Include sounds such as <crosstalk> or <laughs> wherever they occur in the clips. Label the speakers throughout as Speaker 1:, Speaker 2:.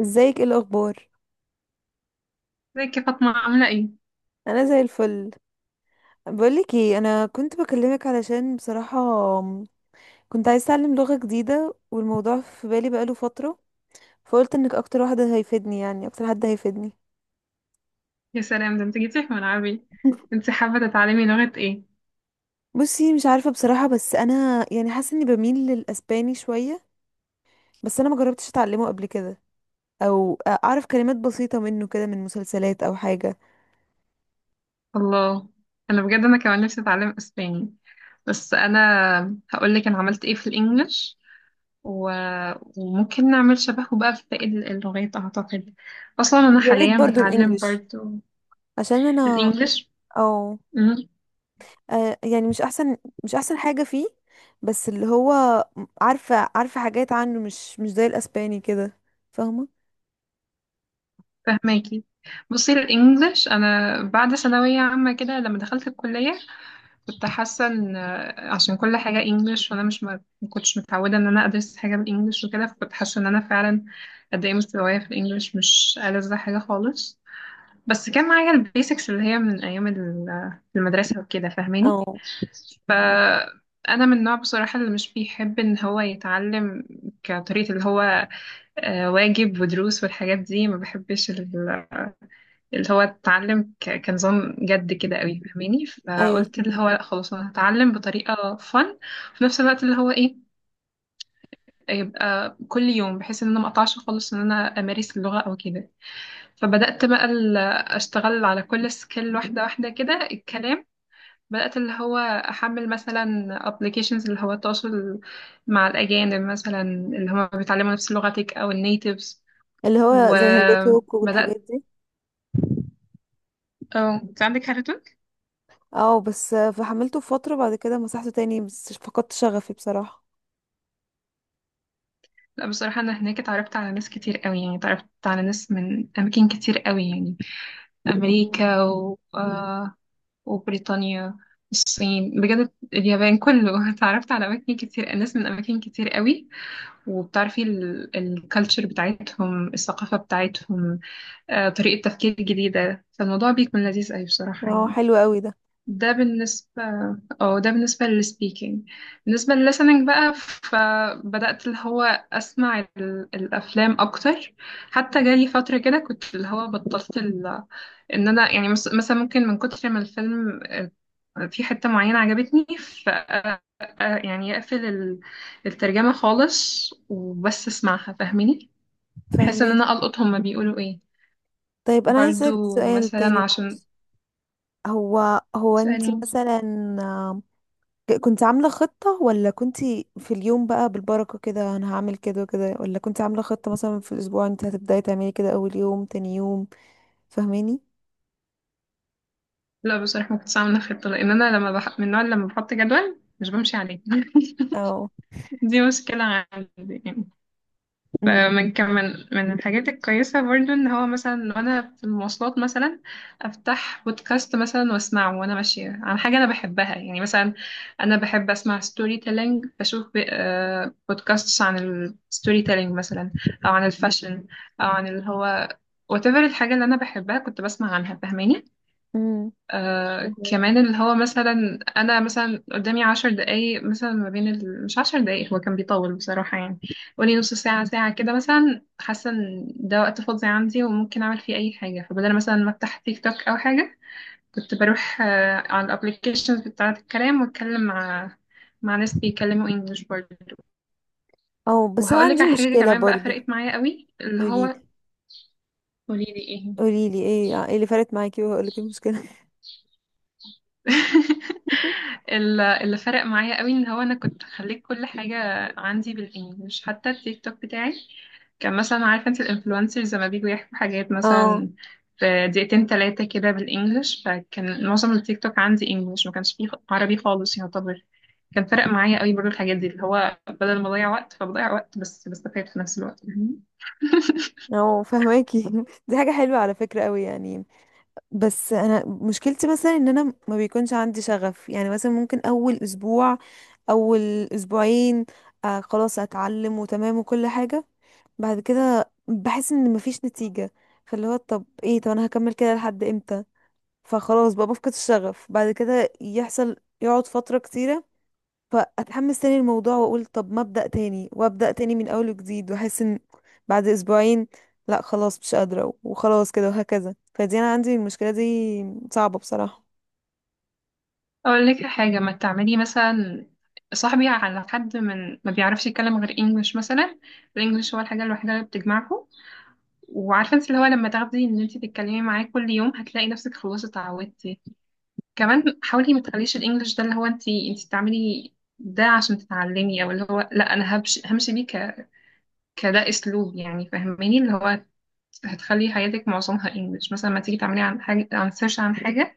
Speaker 1: ازيك؟ ايه الاخبار؟
Speaker 2: ازيك يا فاطمة عاملة ايه؟
Speaker 1: انا زي الفل. بقولك ايه، انا كنت بكلمك علشان بصراحة كنت عايزة اتعلم لغة جديدة، والموضوع في بالي بقاله فترة، فقلت انك اكتر واحدة هيفيدني، يعني اكتر حد هيفيدني.
Speaker 2: يا سلام، ده انت جيتي في ملعبي.
Speaker 1: <laughs>
Speaker 2: انت حابة تتعلمي لغة ايه؟
Speaker 1: بصي، مش عارفة بصراحة، بس انا يعني حاسة اني بميل للاسباني شوية، بس انا ما جربتش اتعلمه قبل كده، او اعرف كلمات بسيطة منه كده من مسلسلات او حاجة.
Speaker 2: الله، انا بجد انا كمان نفسي اتعلم اسباني. بس انا هقولك انا عملت ايه في الانجليش و... وممكن نعمل شبهه بقى في باقي اللغات اعتقد. اصلا انا
Speaker 1: يا ريت
Speaker 2: حاليا
Speaker 1: برضو
Speaker 2: بتعلم
Speaker 1: الانجليش،
Speaker 2: برضه
Speaker 1: عشان انا.
Speaker 2: الانجليش.
Speaker 1: او.
Speaker 2: مم،
Speaker 1: يعني مش احسن، مش احسن حاجة فيه. بس اللي هو عارفة عارفة حاجات عنه، مش زي الاسباني كده، فاهمة؟
Speaker 2: فهماكي. بصي، الانجليش انا بعد ثانوية عامة كده لما دخلت الكلية كنت حاسة ان عشان كل حاجة انجلش، وانا مش ما كنتش متعودة ان انا ادرس حاجة بالانجلش وكده، فكنت حاسة ان انا فعلا قد ايه مستوايا في الانجلش، مش ألذ حاجة خالص. بس كان معايا البيسكس اللي هي من ايام المدرسة وكده، فاهماني.
Speaker 1: اه.
Speaker 2: انا من النوع بصراحة اللي مش بيحب ان هو يتعلم كطريقة اللي هو واجب ودروس والحاجات دي ما بحبش. اللي هو اتعلم كنظام جد كده قوي فاهماني.
Speaker 1: ايوه،
Speaker 2: فقلت اللي هو لأ خلاص انا هتعلم بطريقه فن في نفس الوقت اللي هو ايه، يبقى كل يوم، بحيث ان انا ما اقطعش خالص ان انا امارس اللغه او كده. فبدات بقى اشتغل على كل سكيل واحده واحده كده الكلام. بدات اللي هو احمل مثلا ابلكيشنز اللي هو التواصل مع الاجانب مثلا اللي هم بيتعلموا نفس لغتك او النيتيفز.
Speaker 1: اللي هو زي هلتوك والحاجات
Speaker 2: وبدات،
Speaker 1: دي.
Speaker 2: اه انت عندك حاجه.
Speaker 1: اه، بس فحملته فترة، بعد كده مسحته تاني، بس فقدت شغفي بصراحة.
Speaker 2: لا بصراحة، أنا هناك اتعرفت على ناس كتير قوي، يعني اتعرفت على ناس من أماكن كتير قوي، يعني
Speaker 1: مم.
Speaker 2: أمريكا و... آه، وبريطانيا، الصين بجد، اليابان، كله <laughs> اتعرفت على أماكن كتير، ناس من أماكن كتير قوي، وبتعرفي الكالتشر بتاعتهم، الثقافة بتاعتهم، طريقة تفكير جديدة، فالموضوع بيكون لذيذ قوي بصراحة
Speaker 1: اه،
Speaker 2: يعني.
Speaker 1: حلو قوي ده.
Speaker 2: ده بالنسبة، اه ده بالنسبة للسبيكينج. بالنسبة للlistening بقى، فبدأت اللي هو أسمع الأفلام أكتر. حتى جالي فترة كده كنت اللي هو بطلت إن أنا يعني مثلا ممكن من كتر ما الفيلم في حتة معينة عجبتني ف آه، آه، يعني أقفل الترجمة خالص وبس أسمعها فاهميني، بحيث إن أنا
Speaker 1: فهماكي.
Speaker 2: ألقط هما بيقولوا إيه.
Speaker 1: طيب انا عايزة اسألك
Speaker 2: برضو
Speaker 1: سؤال
Speaker 2: مثلا
Speaker 1: تاني،
Speaker 2: عشان
Speaker 1: معلش. هو هو انت
Speaker 2: تسألني.
Speaker 1: مثلا كنت عاملة خطة، ولا كنت في اليوم بقى بالبركة كده انا هعمل كده وكده؟ ولا كنت عاملة خطة مثلا في الاسبوع انت هتبدأي تعملي كده اول يوم تاني يوم؟ فاهماني؟
Speaker 2: لا بصراحة ما كنتش عاملة خطة، لأن أنا لما من النوع اللي لما بحط جدول مش بمشي عليه <laughs>
Speaker 1: او.
Speaker 2: دي مشكلة عندي يعني.
Speaker 1: امم.
Speaker 2: فمن كم من الحاجات الكويسة برضو إن هو مثلا وأنا في المواصلات مثلا أفتح بودكاست مثلا وأسمعه وأنا ماشية عن حاجة أنا بحبها، يعني مثلا أنا بحب أسمع ستوري تيلينج، بشوف ب... آه، بودكاsts عن الستوري تيلينج مثلا، أو عن الفاشن، أو عن اللي هو whatever الحاجة اللي أنا بحبها كنت بسمع عنها فاهماني.
Speaker 1: امم.
Speaker 2: آه كمان اللي هو مثلا انا مثلا قدامي 10 دقايق مثلا ما بين مش 10 دقايق، هو كان بيطول بصراحة يعني، قولي نص ساعة ساعة كده مثلا، حاسة ان ده وقت فاضي عندي وممكن اعمل فيه اي حاجة، فبدل مثلا ما افتح تيك توك او حاجة كنت بروح على الابليكيشنز بتاعة الكلام واتكلم مع ناس بيتكلموا انجلش برضه.
Speaker 1: او. بس انا
Speaker 2: وهقول لك
Speaker 1: عندي
Speaker 2: على حاجة
Speaker 1: مشكلة
Speaker 2: كمان بقى
Speaker 1: برضو.
Speaker 2: فرقت معايا قوي اللي
Speaker 1: قوليلي.
Speaker 2: هو. قولي لي ايه
Speaker 1: قوليلي ايه اللي فرقت معاكي، وهقولك المشكلة. <laughs>
Speaker 2: <laughs>
Speaker 1: <laughs>
Speaker 2: اللي فرق معايا قوي ان هو انا كنت خليت كل حاجه عندي بالانجلش، حتى التيك توك بتاعي كان مثلا، عارفه انت الانفلونسرز لما بيجوا يحكوا حاجات
Speaker 1: اه.
Speaker 2: مثلا في دقيقتين ثلاثه كده بالانجلش، فكان معظم التيك توك عندي انجلش ما كانش فيه عربي خالص يعتبر. كان فرق معايا قوي برضو الحاجات دي، اللي هو بدل ما اضيع وقت فبضيع وقت بس بستفاد في نفس الوقت.
Speaker 1: اه، فهماكي. <laughs> دي حاجة حلوة على فكرة قوي يعني. بس انا مشكلتي مثلا ان انا ما بيكونش عندي شغف. يعني مثلا ممكن اول اسبوع، اول اسبوعين، آه خلاص اتعلم وتمام وكل حاجة. بعد كده بحس ان مفيش نتيجة، فاللي هو طب ايه، طب انا هكمل كده لحد امتى؟ فخلاص بقى بفقد الشغف بعد كده، يحصل يقعد فترة كتيرة، فاتحمس تاني الموضوع واقول طب ما ابدا تاني، وابدا تاني من اول وجديد، واحس ان بعد اسبوعين لا خلاص مش قادره وخلاص كده، وهكذا. فدي انا عندي المشكله دي، صعبه بصراحه.
Speaker 2: اقول لك حاجه، ما تعملي مثلا صاحبي على حد من ما بيعرفش يتكلم غير انجلش مثلا، الانجليش هو الحاجه الوحيده اللي بتجمعكم. وعارفه انت اللي هو لما تاخدي ان انت تتكلمي معاه كل يوم، هتلاقي نفسك خلاص اتعودتي. كمان حاولي ما تخليش الانجليش ده اللي هو انت بتعملي ده عشان تتعلمي، او اللي هو لا، انا همشي همشي بيه كده اسلوب يعني فاهماني، اللي هو هتخلي حياتك معظمها انجليش. مثلا ما تيجي تعملي عن حاجه، عن سيرش عن حاجه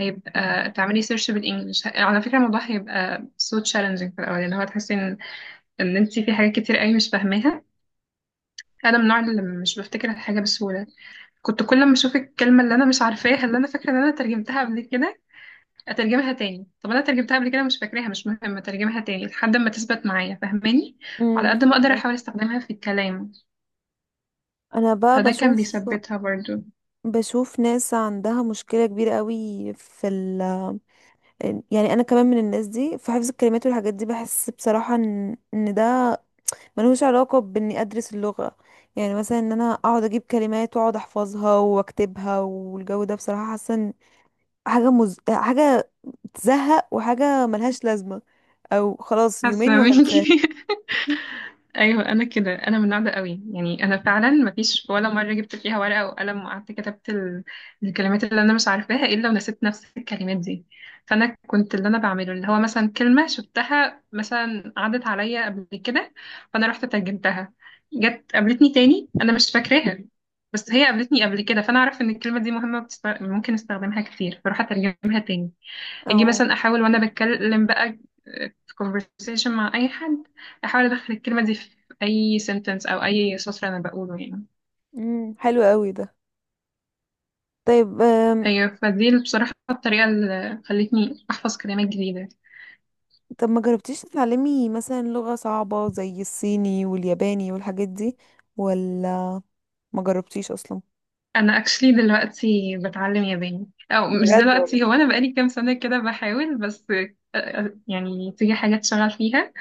Speaker 2: هيبقى تعملي سيرش بالانجلش، على فكره الموضوع هيبقى so challenging في الاول، اللي هو تحسي ان انت في حاجات كتير قوي مش فاهماها. انا من النوع اللي مش بفتكر الحاجه بسهوله، كنت كل ما اشوف الكلمه اللي انا مش عارفاها اللي انا فاكره ان انا ترجمتها قبل كده، اترجمها تاني. طب انا ترجمتها قبل كده مش فاكراها، مش مهم، اترجمها تاني لحد ما تثبت معايا فاهماني. وعلى
Speaker 1: امم.
Speaker 2: قد ما اقدر احاول استخدمها في الكلام،
Speaker 1: انا بقى
Speaker 2: فده كان
Speaker 1: بشوف
Speaker 2: بيثبتها برضو.
Speaker 1: بشوف ناس عندها مشكله كبيره قوي يعني انا كمان من الناس دي، في حفظ الكلمات والحاجات دي، بحس بصراحه ان ده ملوش علاقه باني ادرس اللغه. يعني مثلا ان انا اقعد اجيب كلمات واقعد احفظها واكتبها والجو ده، بصراحه حاسه حاجة تزهق، وحاجة ملهاش لازمة، او خلاص يومين
Speaker 2: حاسه
Speaker 1: وهنساها.
Speaker 2: منكي <laughs> ايوه انا كده، انا من النوع ده قوي يعني، انا فعلا ما فيش ولا مره جبت فيها ورقه وقلم وقعدت كتبت الكلمات اللي انا مش عارفاها الا ونسيت نفس الكلمات دي. فانا كنت اللي انا بعمله اللي هو مثلا كلمه شفتها مثلا عدت عليا قبل كده، فانا رحت ترجمتها، جت قابلتني تاني انا مش فاكراها، بس هي قابلتني قبل كده فانا اعرف ان الكلمه دي مهمه ممكن استخدمها كتير، فاروح اترجمها تاني. اجي
Speaker 1: او.
Speaker 2: مثلا احاول وانا بتكلم بقى في conversation مع اي حد، احاول ادخل الكلمه دي في اي sentence او اي سطر انا بقوله يعني.
Speaker 1: امم، حلو قوي ده. طيب
Speaker 2: هي فدي اللي بصراحه الطريقه اللي خلتني احفظ كلمات جديده.
Speaker 1: طب ما جربتيش تتعلمي مثلا لغة صعبة زي الصيني والياباني والحاجات دي؟ ولا ما جربتيش اصلا؟
Speaker 2: انا actually دلوقتي بتعلم ياباني، او مش
Speaker 1: بجد والله؟
Speaker 2: دلوقتي، هو انا بقالي كام سنه كده بحاول، بس يعني تيجي حاجات شغال فيها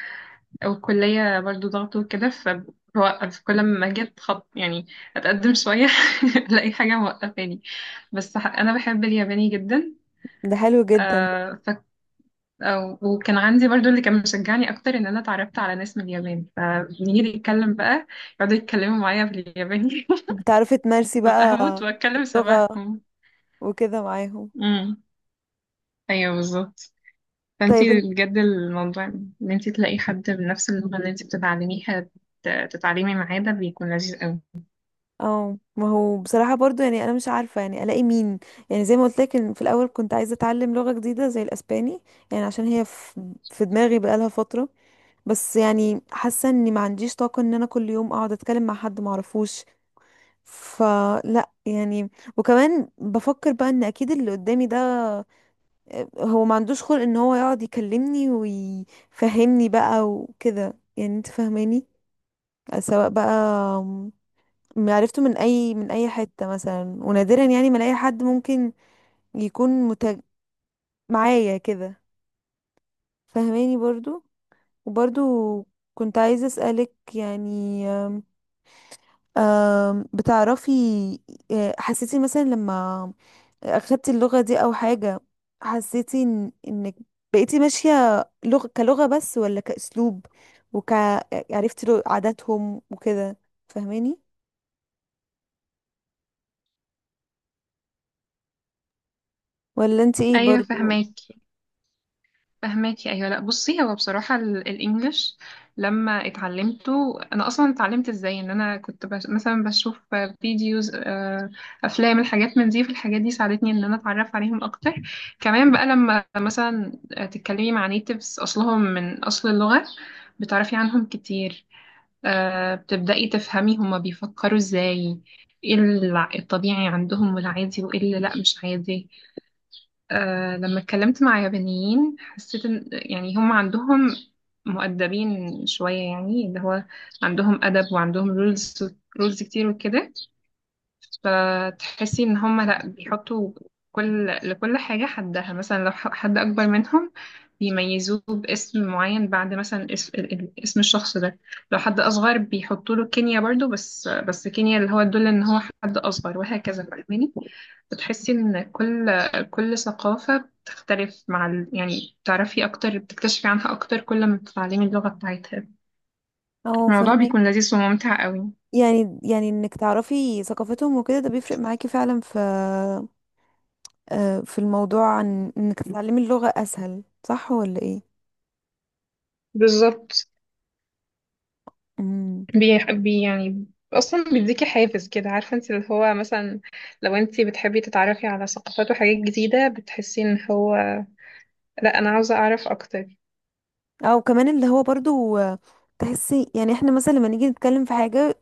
Speaker 2: والكلية برضو ضغط وكده، فبوقف كل ما جيت خط يعني أتقدم شوية <laughs> ألاقي حاجة موقفاني. بس أنا بحب الياباني جدا.
Speaker 1: ده حلو جدا.
Speaker 2: آه ف... آه، وكان عندي برضو اللي كان مشجعني أكتر إن أنا اتعرفت على ناس من اليابان، فبنيجي نتكلم بقى يقعدوا يتكلموا معايا بالياباني
Speaker 1: بتعرفي تمارسي
Speaker 2: <laughs> ببقى
Speaker 1: بقى
Speaker 2: هموت وأتكلم
Speaker 1: اللغة
Speaker 2: شبههم.
Speaker 1: وكده معاهم؟
Speaker 2: امم، أيوه بالظبط.
Speaker 1: طيب.
Speaker 2: فأنتي بجد الموضوع إن أنتي تلاقي حد بنفس اللغة اللي أنتي بتتعلميها تتعلمي معاه، ده بيكون لذيذ أوي.
Speaker 1: اه، ما هو بصراحة برضو يعني انا مش عارفة يعني الاقي مين. يعني زي ما قلت لك إن في الاول كنت عايزة اتعلم لغة جديدة زي الاسباني، يعني عشان هي في في دماغي بقالها فترة. بس يعني حاسة اني ما عنديش طاقة ان انا كل يوم اقعد اتكلم مع حد ما اعرفوش، فلا يعني. وكمان بفكر بقى ان اكيد اللي قدامي ده هو ما عندوش خلق ان هو يقعد يكلمني ويفهمني بقى وكده، يعني انت فاهماني. سواء بقى عرفته من اي حتة مثلا، ونادرا يعني ما الاقي حد ممكن يكون متج... معايا كده، فهماني برضو. وبرضو كنت عايزة اسألك، يعني بتعرفي، حسيتي مثلا لما اخدتي اللغة دي او حاجة، حسيتي إن... انك بقيتي ماشية لغة كلغة بس، ولا كأسلوب، وك عرفتي عاداتهم وكده، فهماني؟ ولا انت ايه
Speaker 2: ايوه
Speaker 1: برضو؟
Speaker 2: فهماكي، فهماكي ايوه، لا بصي هو بصراحه الانجليش لما اتعلمته انا اصلا اتعلمت ازاي ان انا كنت مثلا بشوف فيديوز افلام الحاجات من دي، فالحاجات دي ساعدتني ان انا اتعرف عليهم اكتر. كمان بقى لما مثلا تتكلمي مع نيتيفز اصلهم من اصل اللغه، بتعرفي عنهم كتير، بتبداي تفهمي هما بيفكروا ازاي، ايه الطبيعي عندهم والعادي وايه اللي لا مش عادي. لما اتكلمت مع يابانيين حسيت ان يعني هم عندهم، مؤدبين شوية يعني، اللي هو عندهم أدب وعندهم رولز، رولز كتير وكده. فتحسي ان هم لا بيحطوا لكل حاجة حدها، مثلا لو حد اكبر منهم بيميزوه باسم معين بعد مثلا اسم، اسم الشخص ده، لو حد اصغر بيحطوا له كينيا برضو، بس كينيا اللي هو تدل ان هو حد اصغر وهكذا فاهماني. بتحسي ان كل ثقافة بتختلف مع يعني بتعرفي اكتر، بتكتشفي عنها اكتر كل ما بتتعلمي اللغة بتاعتها،
Speaker 1: اه
Speaker 2: الموضوع
Speaker 1: فهماني.
Speaker 2: بيكون لذيذ وممتع قوي.
Speaker 1: يعني انك تعرفي ثقافتهم وكده، ده بيفرق معاكي فعلا في في الموضوع عن انك تتعلمي اللغة اسهل، صح ولا ايه؟
Speaker 2: بالظبط.
Speaker 1: امم.
Speaker 2: بيح- بي يعني اصلا بيديكي حافز كده، عارفه انت اللي هو مثلا لو انت بتحبي تتعرفي على ثقافات وحاجات جديده، بتحسي ان هو لا، انا عاوزه اعرف اكتر.
Speaker 1: او كمان اللي هو برضو، تحسي يعني احنا مثلا لما نيجي نتكلم في حاجة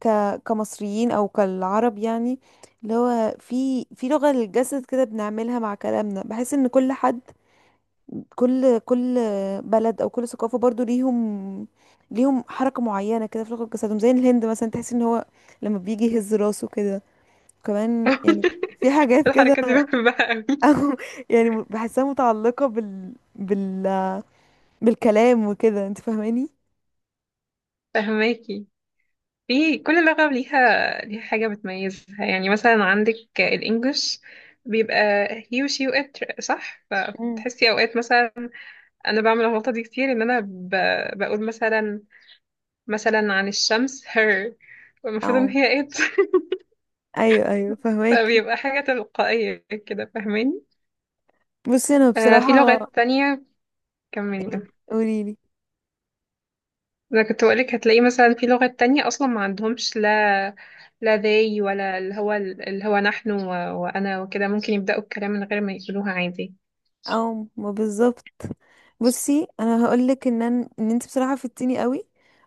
Speaker 1: ك كمصريين او كالعرب يعني، اللي هو في في لغة للجسد كده بنعملها مع كلامنا، بحس ان كل حد، كل كل بلد او كل ثقافه برضو ليهم حركه معينه كده في لغه جسدهم. زي الهند مثلا تحس ان هو لما بيجي يهز راسه كده كمان يعني.
Speaker 2: <laughs>
Speaker 1: في حاجات كده.
Speaker 2: الحركه دي بحبها
Speaker 1: <laughs> او،
Speaker 2: قوي.
Speaker 1: يعني بحسها متعلقه بالكلام وكده، انت فاهماني؟
Speaker 2: فهماكي، في كل لغه ليها حاجه بتميزها، يعني مثلا عندك الانجليش بيبقى he و she و it صح،
Speaker 1: مم.
Speaker 2: فبتحسي اوقات مثلا انا بعمل الغلطه دي كتير ان انا بقول مثلا، مثلا عن الشمس her، المفروض ان
Speaker 1: او.
Speaker 2: هي it،
Speaker 1: ايوه، ايوه، فهماكي.
Speaker 2: فبيبقى حاجة تلقائية كده فاهماني.
Speaker 1: بصي انا
Speaker 2: آه في
Speaker 1: بصراحه،
Speaker 2: لغات تانية، كملي ده.
Speaker 1: إيه، قوليلي.
Speaker 2: أنا كنت بقولك هتلاقي مثلا في لغات تانية أصلا ما عندهمش، لا لا they ولا اللي هو نحن وأنا وكده، ممكن يبدأوا الكلام من غير ما يقولوها عادي.
Speaker 1: او، ما بالظبط. بصي انا هقولك ان انت بصراحه فدتيني قوي،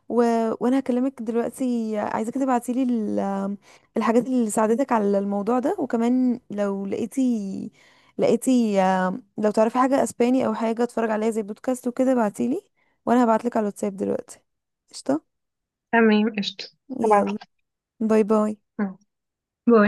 Speaker 1: و... وانا هكلمك دلوقتي، عايزاك تبعتيلي الحاجات اللي ساعدتك على الموضوع ده، وكمان لو لقيتي، لقيتي آم، لو تعرفي حاجه اسباني او حاجه اتفرج عليها زي بودكاست وكده ابعتيلي، وانا هبعتلك على الواتساب دلوقتي. قشطه.
Speaker 2: تمام قشطة،
Speaker 1: يلا،
Speaker 2: هبعتلك.
Speaker 1: باي باي.
Speaker 2: آه. باي